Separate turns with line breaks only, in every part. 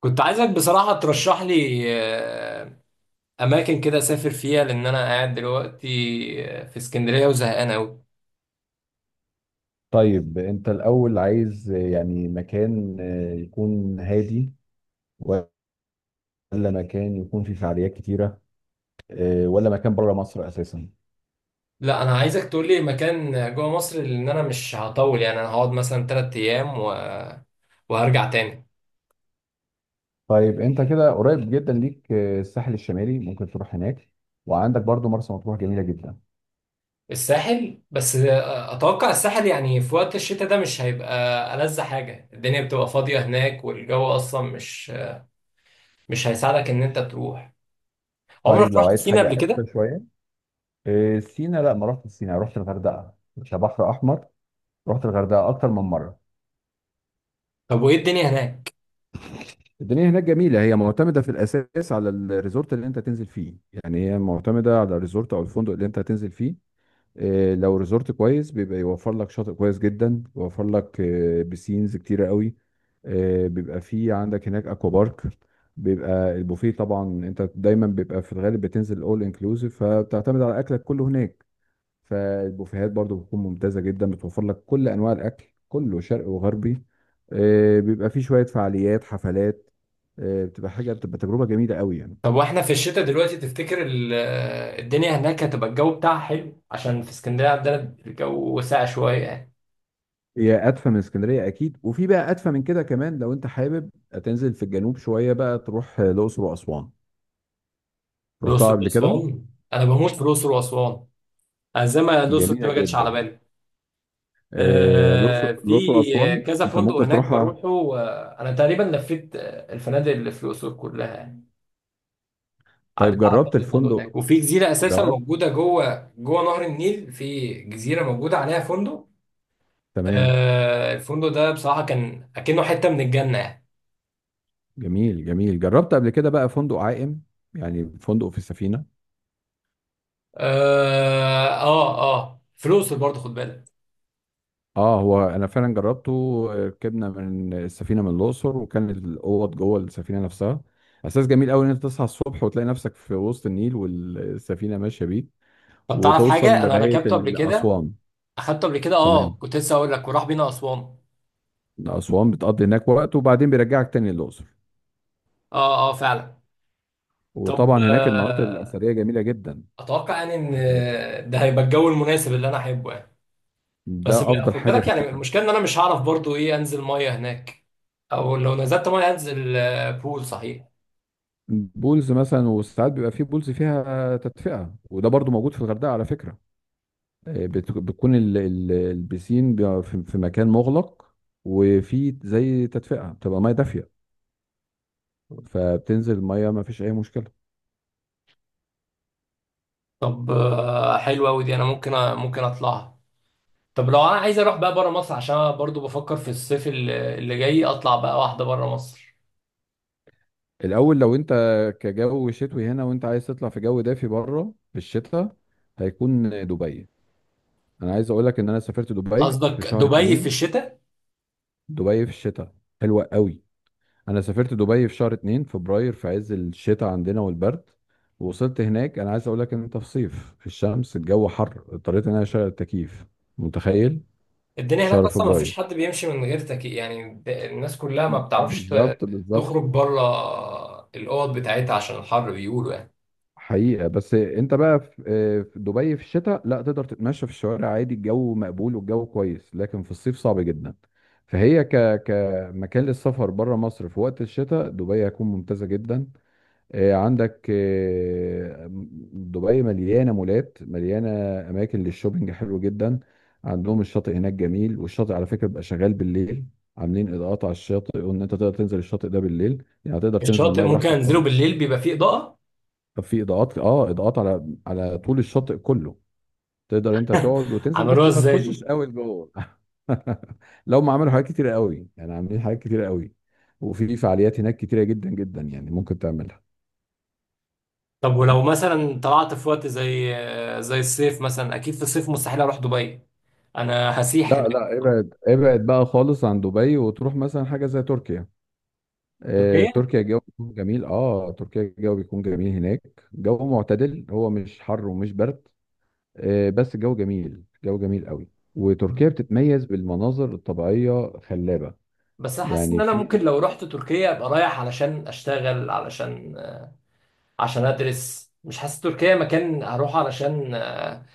كنت عايزك بصراحة ترشح لي أماكن كده أسافر فيها لأن أنا قاعد دلوقتي في اسكندرية وزهقان أوي.
طيب انت الاول عايز، يعني مكان يكون هادي، ولا مكان يكون فيه فعاليات كتيرة، ولا مكان بره مصر اساسا؟
لا، أنا عايزك تقول لي مكان جوه مصر، لأن أنا مش هطول، يعني أنا هقعد مثلا تلات أيام وهرجع تاني.
طيب انت كده قريب جدا ليك، الساحل الشمالي ممكن تروح هناك. وعندك برضو مرسى مطروح جميلة جدا.
الساحل بس أتوقع الساحل يعني في وقت الشتاء ده مش هيبقى ألذ حاجة، الدنيا بتبقى فاضية هناك والجو أصلا مش هيساعدك إن أنت تروح.
طيب
عمرك
لو
رحت
عايز
سينا
حاجة
قبل
أكتر
كده؟
شوية. سينا، لا ما رحتش سينا، رحت الغردقة كبحر أحمر. رحت الغردقة أكتر من مرة.
طب وإيه الدنيا هناك؟
الدنيا هناك جميلة، هي معتمدة في الأساس على الريزورت اللي أنت تنزل فيه. يعني هي معتمدة على الريزورت أو الفندق اللي أنت هتنزل فيه. لو ريزورت كويس بيبقى يوفر لك شاطئ كويس جدا، يوفر لك بسينز كتيرة قوي. بيبقى في عندك هناك اكوا بارك. بيبقى البوفيه طبعا. انت دايما بيبقى في الغالب بتنزل اول انكلوسيف، فبتعتمد على اكلك كله هناك. فالبوفيهات برضو بتكون ممتازة جدا، بتوفر لك كل انواع الاكل كله شرقي وغربي. بيبقى في شوية فعاليات حفلات. بتبقى حاجة، بتبقى تجربة جميلة قوي يعني.
طب واحنا في الشتاء دلوقتي تفتكر الدنيا هناك هتبقى الجو بتاعها حلو؟ عشان في اسكندرية عندنا الجو ساقع شوية يعني.
هي ادفى من اسكندريه اكيد، وفي بقى ادفى من كده كمان. لو انت حابب تنزل في الجنوب شويه بقى تروح الاقصر واسوان. رحتها
الأقصر
قبل كده؟
وأسوان. أنا بموت في الأقصر وأسوان. أنا زي ما الأقصر دي
جميله
ما جاتش على
جدا.
بالي.
الاقصر الاقصر
في
واسوان
كذا
انت
فندق
ممكن
هناك
تروحها.
بروحه. أنا تقريبا لفيت الفنادق اللي في الأقصر كلها يعني.
طيب
عديت على
جربت
فندق
الفندق؟
هناك، وفي جزيرة أساسا
جربت؟
موجودة جوه نهر النيل، في جزيرة موجودة عليها فندق.
تمام.
الفندق ده بصراحة كان أكنه حتة من الجنة يعني.
جميل جميل. جربت قبل كده بقى فندق عائم، يعني فندق في السفينه؟
فلوسه برضه خد بالك.
اه، هو انا فعلا جربته. ركبنا من السفينه من الاقصر، وكان الاوض جوه السفينه نفسها. احساس جميل قوي ان انت تصحى الصبح وتلاقي نفسك في وسط النيل والسفينه ماشيه بيك،
طب تعرف
وتوصل
حاجه، انا
لغاية
ركبته قبل كده،
أسوان.
اخدته قبل كده. اه،
تمام.
كنت لسه اقول لك، وراح بينا اسوان.
أسوان بتقضي هناك وقت، وبعدين بيرجعك تاني الأقصر.
اه اه، فعلا. طب
وطبعا هناك المناطق الأثرية جميلة جدا.
اتوقع يعني
آه،
ان ده هيبقى الجو المناسب اللي انا احبه يعني. بس
ده أفضل
خد
حاجة
بالك
في
يعني،
الشتاء.
المشكله ان انا مش هعرف برضه ايه، انزل ميه هناك او لو نزلت ميه انزل بول صحيح.
بولز مثلا، وساعات بيبقى فيه بولز فيها تدفئة، وده برضو موجود في الغردقة على فكرة. بتكون البسين بيبقى في مكان مغلق، وفي زي تدفئة بتبقى مية دافية، فبتنزل مية ما فيش أي مشكلة.
طب حلوه قوي دي، انا ممكن اطلعها. طب لو انا عايز اروح بقى بره مصر، عشان انا برضه بفكر في الصيف اللي جاي اطلع بقى واحده بره مصر.
الاول لو انت كجو شتوي هنا وانت عايز تطلع في جو دافي بره في الشتاء، هيكون دبي. انا عايز اقول لك ان انا سافرت دبي في
قصدك
شهر
دبي في
اتنين.
الشتاء؟
دبي في الشتاء حلوة قوي. انا سافرت دبي في شهر اتنين فبراير، في عز الشتاء عندنا والبرد. ووصلت هناك، انا عايز اقول لك ان انت في صيف، في الشمس الجو حر، اضطريت ان انا اشغل التكييف. متخيل؟ في
الدنيا هناك
شهر
اصلا ما فيش
فبراير.
حد بيمشي من غير تكييف يعني، الناس كلها ما بتعرفش
بالظبط بالظبط.
تخرج بره الاوض بتاعتها عشان الحر بيقولوا يعني.
حقيقة بس انت بقى في دبي في الشتاء، لا تقدر تتمشى في الشوارع عادي. الجو مقبول والجو كويس، لكن في الصيف صعب جدا. فهي كمكان للسفر بره مصر في وقت الشتاء، دبي هتكون ممتازة جدا. عندك، دبي مليانة مولات، مليانة أماكن للشوبينج حلو جدا. عندهم الشاطئ هناك جميل، والشاطئ على فكرة بيبقى شغال بالليل. عاملين إضاءات على الشاطئ، وإن أنت تقدر تنزل الشاطئ ده بالليل، يعني تقدر تنزل
الشاطئ
المية
ممكن
براحتك
انزله
خالص.
بالليل بيبقى فيه اضاءة؟
طب في اضاءات، اضاءات على طول الشاطئ كله. تقدر انت تقعد وتنزل،
عملوها
بس ما
ازاي
تخشش
دي؟
قوي لجوه. لو ما عملوا حاجات كتيره قوي يعني، عاملين حاجات كتيره قوي. وفي فعاليات هناك كتيره جدا جدا يعني، ممكن تعملها.
طب ولو مثلا طلعت في وقت زي الصيف مثلا، اكيد في الصيف مستحيل اروح دبي، انا هسيح هناك.
لا لا، ابعد ابعد بقى خالص عن دبي، وتروح مثلا حاجه زي تركيا. آه،
تركيا؟
تركيا الجو بيكون جميل اه تركيا الجو بيكون جميل هناك. جو معتدل، هو مش حر ومش برد. بس الجو جميل قوي. وتركيا بتتميز بالمناظر الطبيعيه خلابه.
بس احس ان
يعني
انا ممكن
في،
لو رحت تركيا ابقى رايح علشان اشتغل، علشان عشان ادرس. مش حاسس تركيا مكان هروح علشان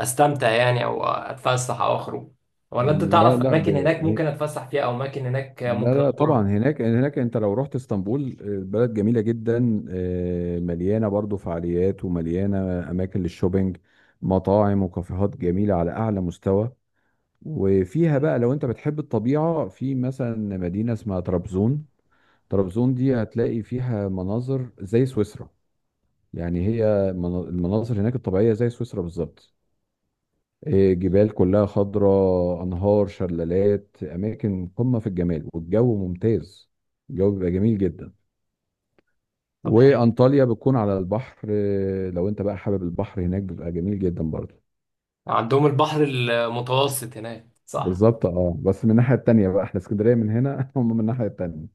استمتع يعني، او اتفسح او اخرج. ولا انت
لا
تعرف
لا،
اماكن هناك
هي-
ممكن اتفسح فيها او اماكن هناك
لا
ممكن
لا طبعا،
ازورها؟
هناك انت لو رحت اسطنبول، بلد جميله جدا، مليانه برضو فعاليات ومليانه اماكن للشوبينج، مطاعم وكافيهات جميله على اعلى مستوى. وفيها بقى لو انت بتحب الطبيعه، في مثلا مدينه اسمها طرابزون. طرابزون دي هتلاقي فيها مناظر زي سويسرا. يعني هي المناظر هناك الطبيعيه زي سويسرا بالظبط. إيه، جبال كلها خضراء، انهار، شلالات، اماكن قمه في الجمال، والجو ممتاز. الجو بيبقى جميل جدا.
طب حلو.
وانطاليا بتكون على البحر. إيه، لو انت بقى حابب البحر هناك بيبقى جميل جدا برضه.
عندهم البحر المتوسط هناك صح؟
بالظبط. اه، بس من الناحيه التانيه بقى احنا اسكندريه من هنا، هم من الناحيه التانيه.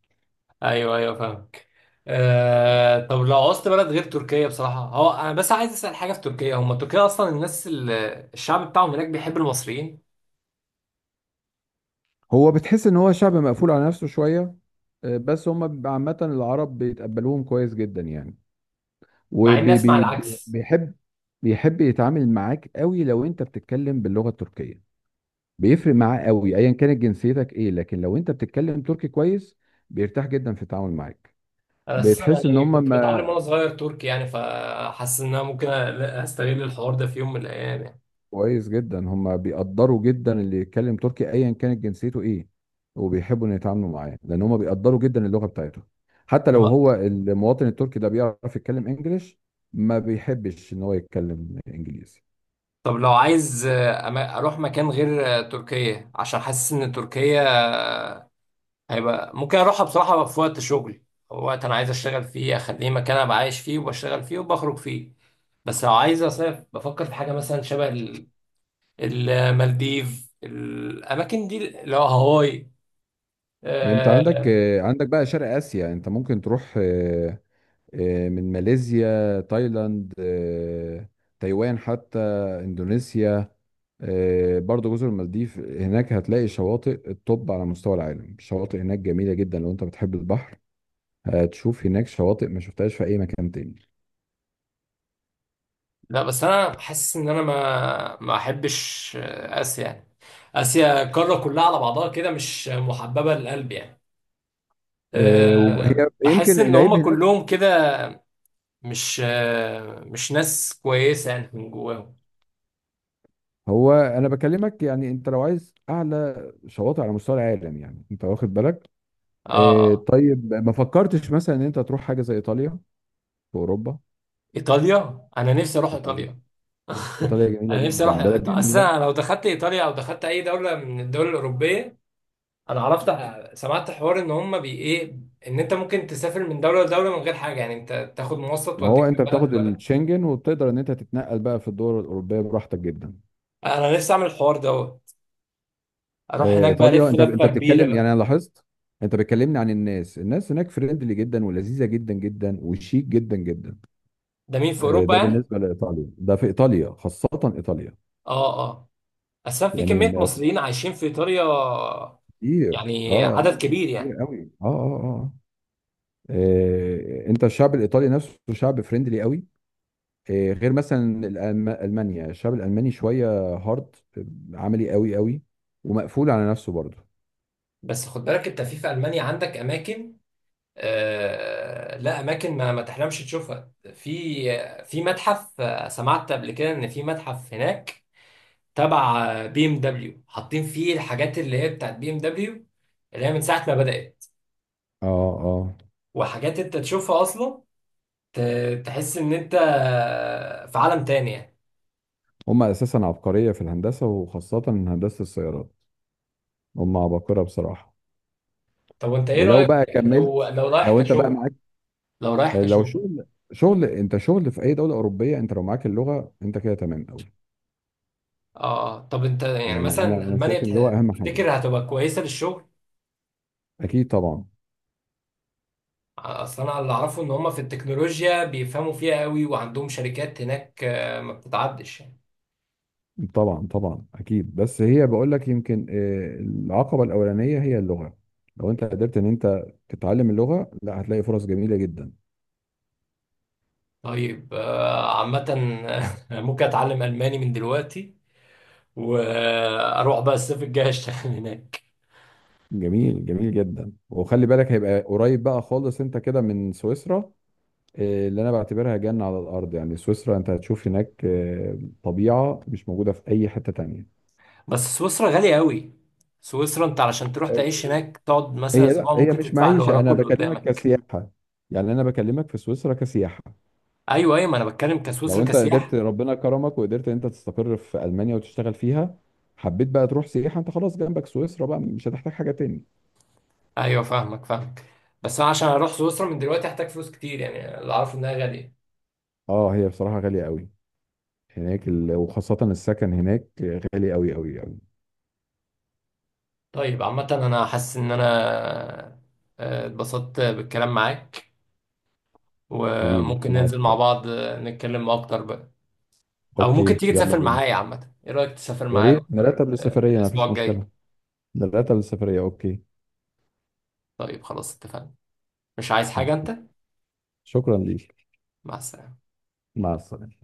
ايوه ايوه، فاهمك. أه، طب لو عوزت بلد غير تركيا بصراحة. هو أنا بس عايز أسأل حاجة في تركيا، هم تركيا أصلا الناس الشعب بتاعهم هناك بيحب المصريين؟
هو بتحس ان هو شعب مقفول على نفسه شويه. بس هم بيبقى، عامه العرب بيتقبلوهم كويس جدا يعني.
مع
وبيحب
إني أسمع العكس.
بيحب بيحب يتعامل معاك قوي لو انت بتتكلم باللغه التركيه. بيفرق معاه قوي ايا كانت جنسيتك ايه، لكن لو انت بتتكلم تركي كويس بيرتاح جدا في التعامل معاك.
أنا أساسا
بتحس ان
يعني
هم
كنت بتعلم
ما
وأنا صغير تركي يعني، فحاسس إن أنا ممكن أستغل الحوار ده في يوم من الأيام يعني.
كويس جدا، هم بيقدروا جدا اللي يتكلم تركي ايا كانت جنسيته ايه. وبيحبوا ان يتعاملوا معاه، لان هم بيقدروا جدا اللغة بتاعته. حتى لو
طب،
هو المواطن التركي ده بيعرف يتكلم انجليش، ما بيحبش ان هو يتكلم انجليزي.
طب لو عايز أروح مكان غير تركيا، عشان حاسس إن تركيا آه، هيبقى ممكن أروحها بصراحة في وقت شغلي، أو وقت أنا عايز أشتغل فيه، أخليه مكان أبقى عايش فيه وبشتغل فيه وبخرج فيه. بس لو عايز أصيف بفكر في حاجة مثلا شبه المالديف، الأماكن دي اللي هو هاواي.
ده انت عندك،
آه،
عندك بقى شرق اسيا انت ممكن تروح، من ماليزيا، تايلاند، تايوان حتى، اندونيسيا. برضو جزر المالديف، هناك هتلاقي شواطئ التوب على مستوى العالم، الشواطئ هناك جميلة جدا لو انت بتحب البحر. هتشوف هناك شواطئ ما شفتهاش في اي مكان تاني.
لا بس انا حاسس ان انا ما احبش اسيا يعني. اسيا القاره كلها على بعضها كده مش محببه للقلب يعني.
وهي
أه، بحس
يمكن
ان هم
العيب هناك.
كلهم كده مش ناس كويسه يعني من جواهم.
هو انا بكلمك يعني، انت لو عايز اعلى شواطئ على مستوى العالم يعني، انت واخد بالك.
اه آه.
طيب ما فكرتش مثلا ان انت تروح حاجة زي ايطاليا في اوروبا؟
ايطاليا، انا نفسي اروح ايطاليا.
ايطاليا جميله
انا نفسي اروح
جدا، بلد
اصل
جميله.
أنا لو دخلت ايطاليا او دخلت اي دوله من الدول الاوروبيه، انا عرفت، سمعت حوار ان هم بي ايه، ان انت ممكن تسافر من دوله لدوله من غير حاجه، يعني انت تاخد مواصلة
ما هو
توديك
انت
من بلد
بتاخد
لبلد.
الشنجن، وبتقدر ان انت تتنقل بقى في الدول الاوروبيه براحتك جدا.
انا نفسي اعمل الحوار دوت، اروح هناك بقى
ايطاليا،
الف
انت
لفه
انت
كبيره
بتتكلم يعني
بقى.
انا لاحظت، انت بتكلمني عن الناس هناك فريندلي جدا، ولذيذه جدا جدا، وشيك جدا جدا.
ده مين في اوروبا
ده
يعني؟
بالنسبه لايطاليا، ده في ايطاليا، خاصه ايطاليا.
اه اه. اصلا في
يعني
كميه مصريين عايشين في ايطاليا،
كتير. اه،
يعني عدد كبير يعني.
كتير قوي. اه اه اه. انت الشعب الايطالي نفسه شعب فريندلي قوي. إيه، غير مثلا المانيا، الشعب الالماني شويه هارد، عملي قوي قوي، ومقفول على نفسه برضه.
بس خد بالك انت في المانيا عندك اماكن لا، اماكن ما تحلمش تشوفها. في متحف، سمعت قبل كده ان في متحف هناك تبع بي ام دبليو، حاطين فيه الحاجات اللي هي بتاعت بي ام دبليو، اللي هي من ساعه ما بدات.
اه اه.
وحاجات انت تشوفها اصلا، تحس ان انت في عالم تاني يعني.
هم اساسا عبقريه في الهندسه، وخاصه هندسه السيارات. هم عباقره بصراحه.
طب وانت ايه
ولو
رأيك؟
بقى
لو
كملت.
رايح
لو انت بقى
كشغل.
معاك.
لو رايح
لو
كشغل.
شغل. شغل انت، شغل في اي دوله اوروبيه، انت لو معاك اللغه انت كده تمام قوي.
اه، طب انت يعني
يعني انا
مثلا
انا
المانيا
شايف ان اللغه اهم حاجه.
تفتكر هتبقى كويسة للشغل؟
اكيد طبعا.
اصل انا اللي اعرفه ان هم في التكنولوجيا بيفهموا فيها قوي، وعندهم شركات هناك ما بتتعدش يعني.
طبعا طبعا اكيد، بس هي بقول لك يمكن، العقبه الاولانيه هي اللغه. لو انت قدرت ان انت تتعلم اللغه، لا هتلاقي فرص جميله جدا.
طيب عامة ممكن اتعلم الماني من دلوقتي، واروح بقى الصيف الجاي اشتغل هناك.
جميل. جميل جدا. وخلي بالك هيبقى قريب بقى خالص انت كده من سويسرا، اللي انا بعتبرها جنه على الارض يعني. سويسرا انت هتشوف هناك طبيعه مش موجوده في اي حته تانية.
بس سويسرا غالية قوي، سويسرا انت علشان تروح تعيش هناك تقعد مثلا
هي، لا،
اسبوع
هي
ممكن
مش
تدفع اللي
معيشه،
وراك
انا
واللي
بكلمك
قدامك.
كسياحه. يعني انا بكلمك في سويسرا كسياحه.
ايوه ايوه، ما انا بتكلم كسويسرا
لو انت قدرت
كسياحة.
ربنا كرمك، وقدرت ان انت تستقر في المانيا وتشتغل فيها، حبيت بقى تروح سياحه انت خلاص جنبك سويسرا بقى، مش هتحتاج حاجه تاني.
ايوه فاهمك، فاهمك. بس انا عشان اروح سويسرا من دلوقتي هحتاج فلوس كتير، يعني اللي اعرفه انها غالية.
اه، هي بصراحه غاليه قوي هناك. وخاصه السكن هناك غالي قوي قوي قوي.
طيب عامة انا حاسس ان انا اتبسطت بالكلام معاك،
حبيبي
وممكن
انا
ننزل مع
عارف.
بعض نتكلم اكتر بقى. او ممكن
اوكي،
تيجي
يلا
تسافر
بينا.
معايا، عامة ايه رأيك تسافر
يا
معايا
ريت
الأقصر
نرتب للسفريه ما
الاسبوع
فيش
الجاي؟
مشكله. نرتب للسفريه. اوكي.
طيب خلاص اتفقنا. مش عايز حاجة انت؟
اوكي. شكرا ليك.
مع السلامة.
مع السلامه.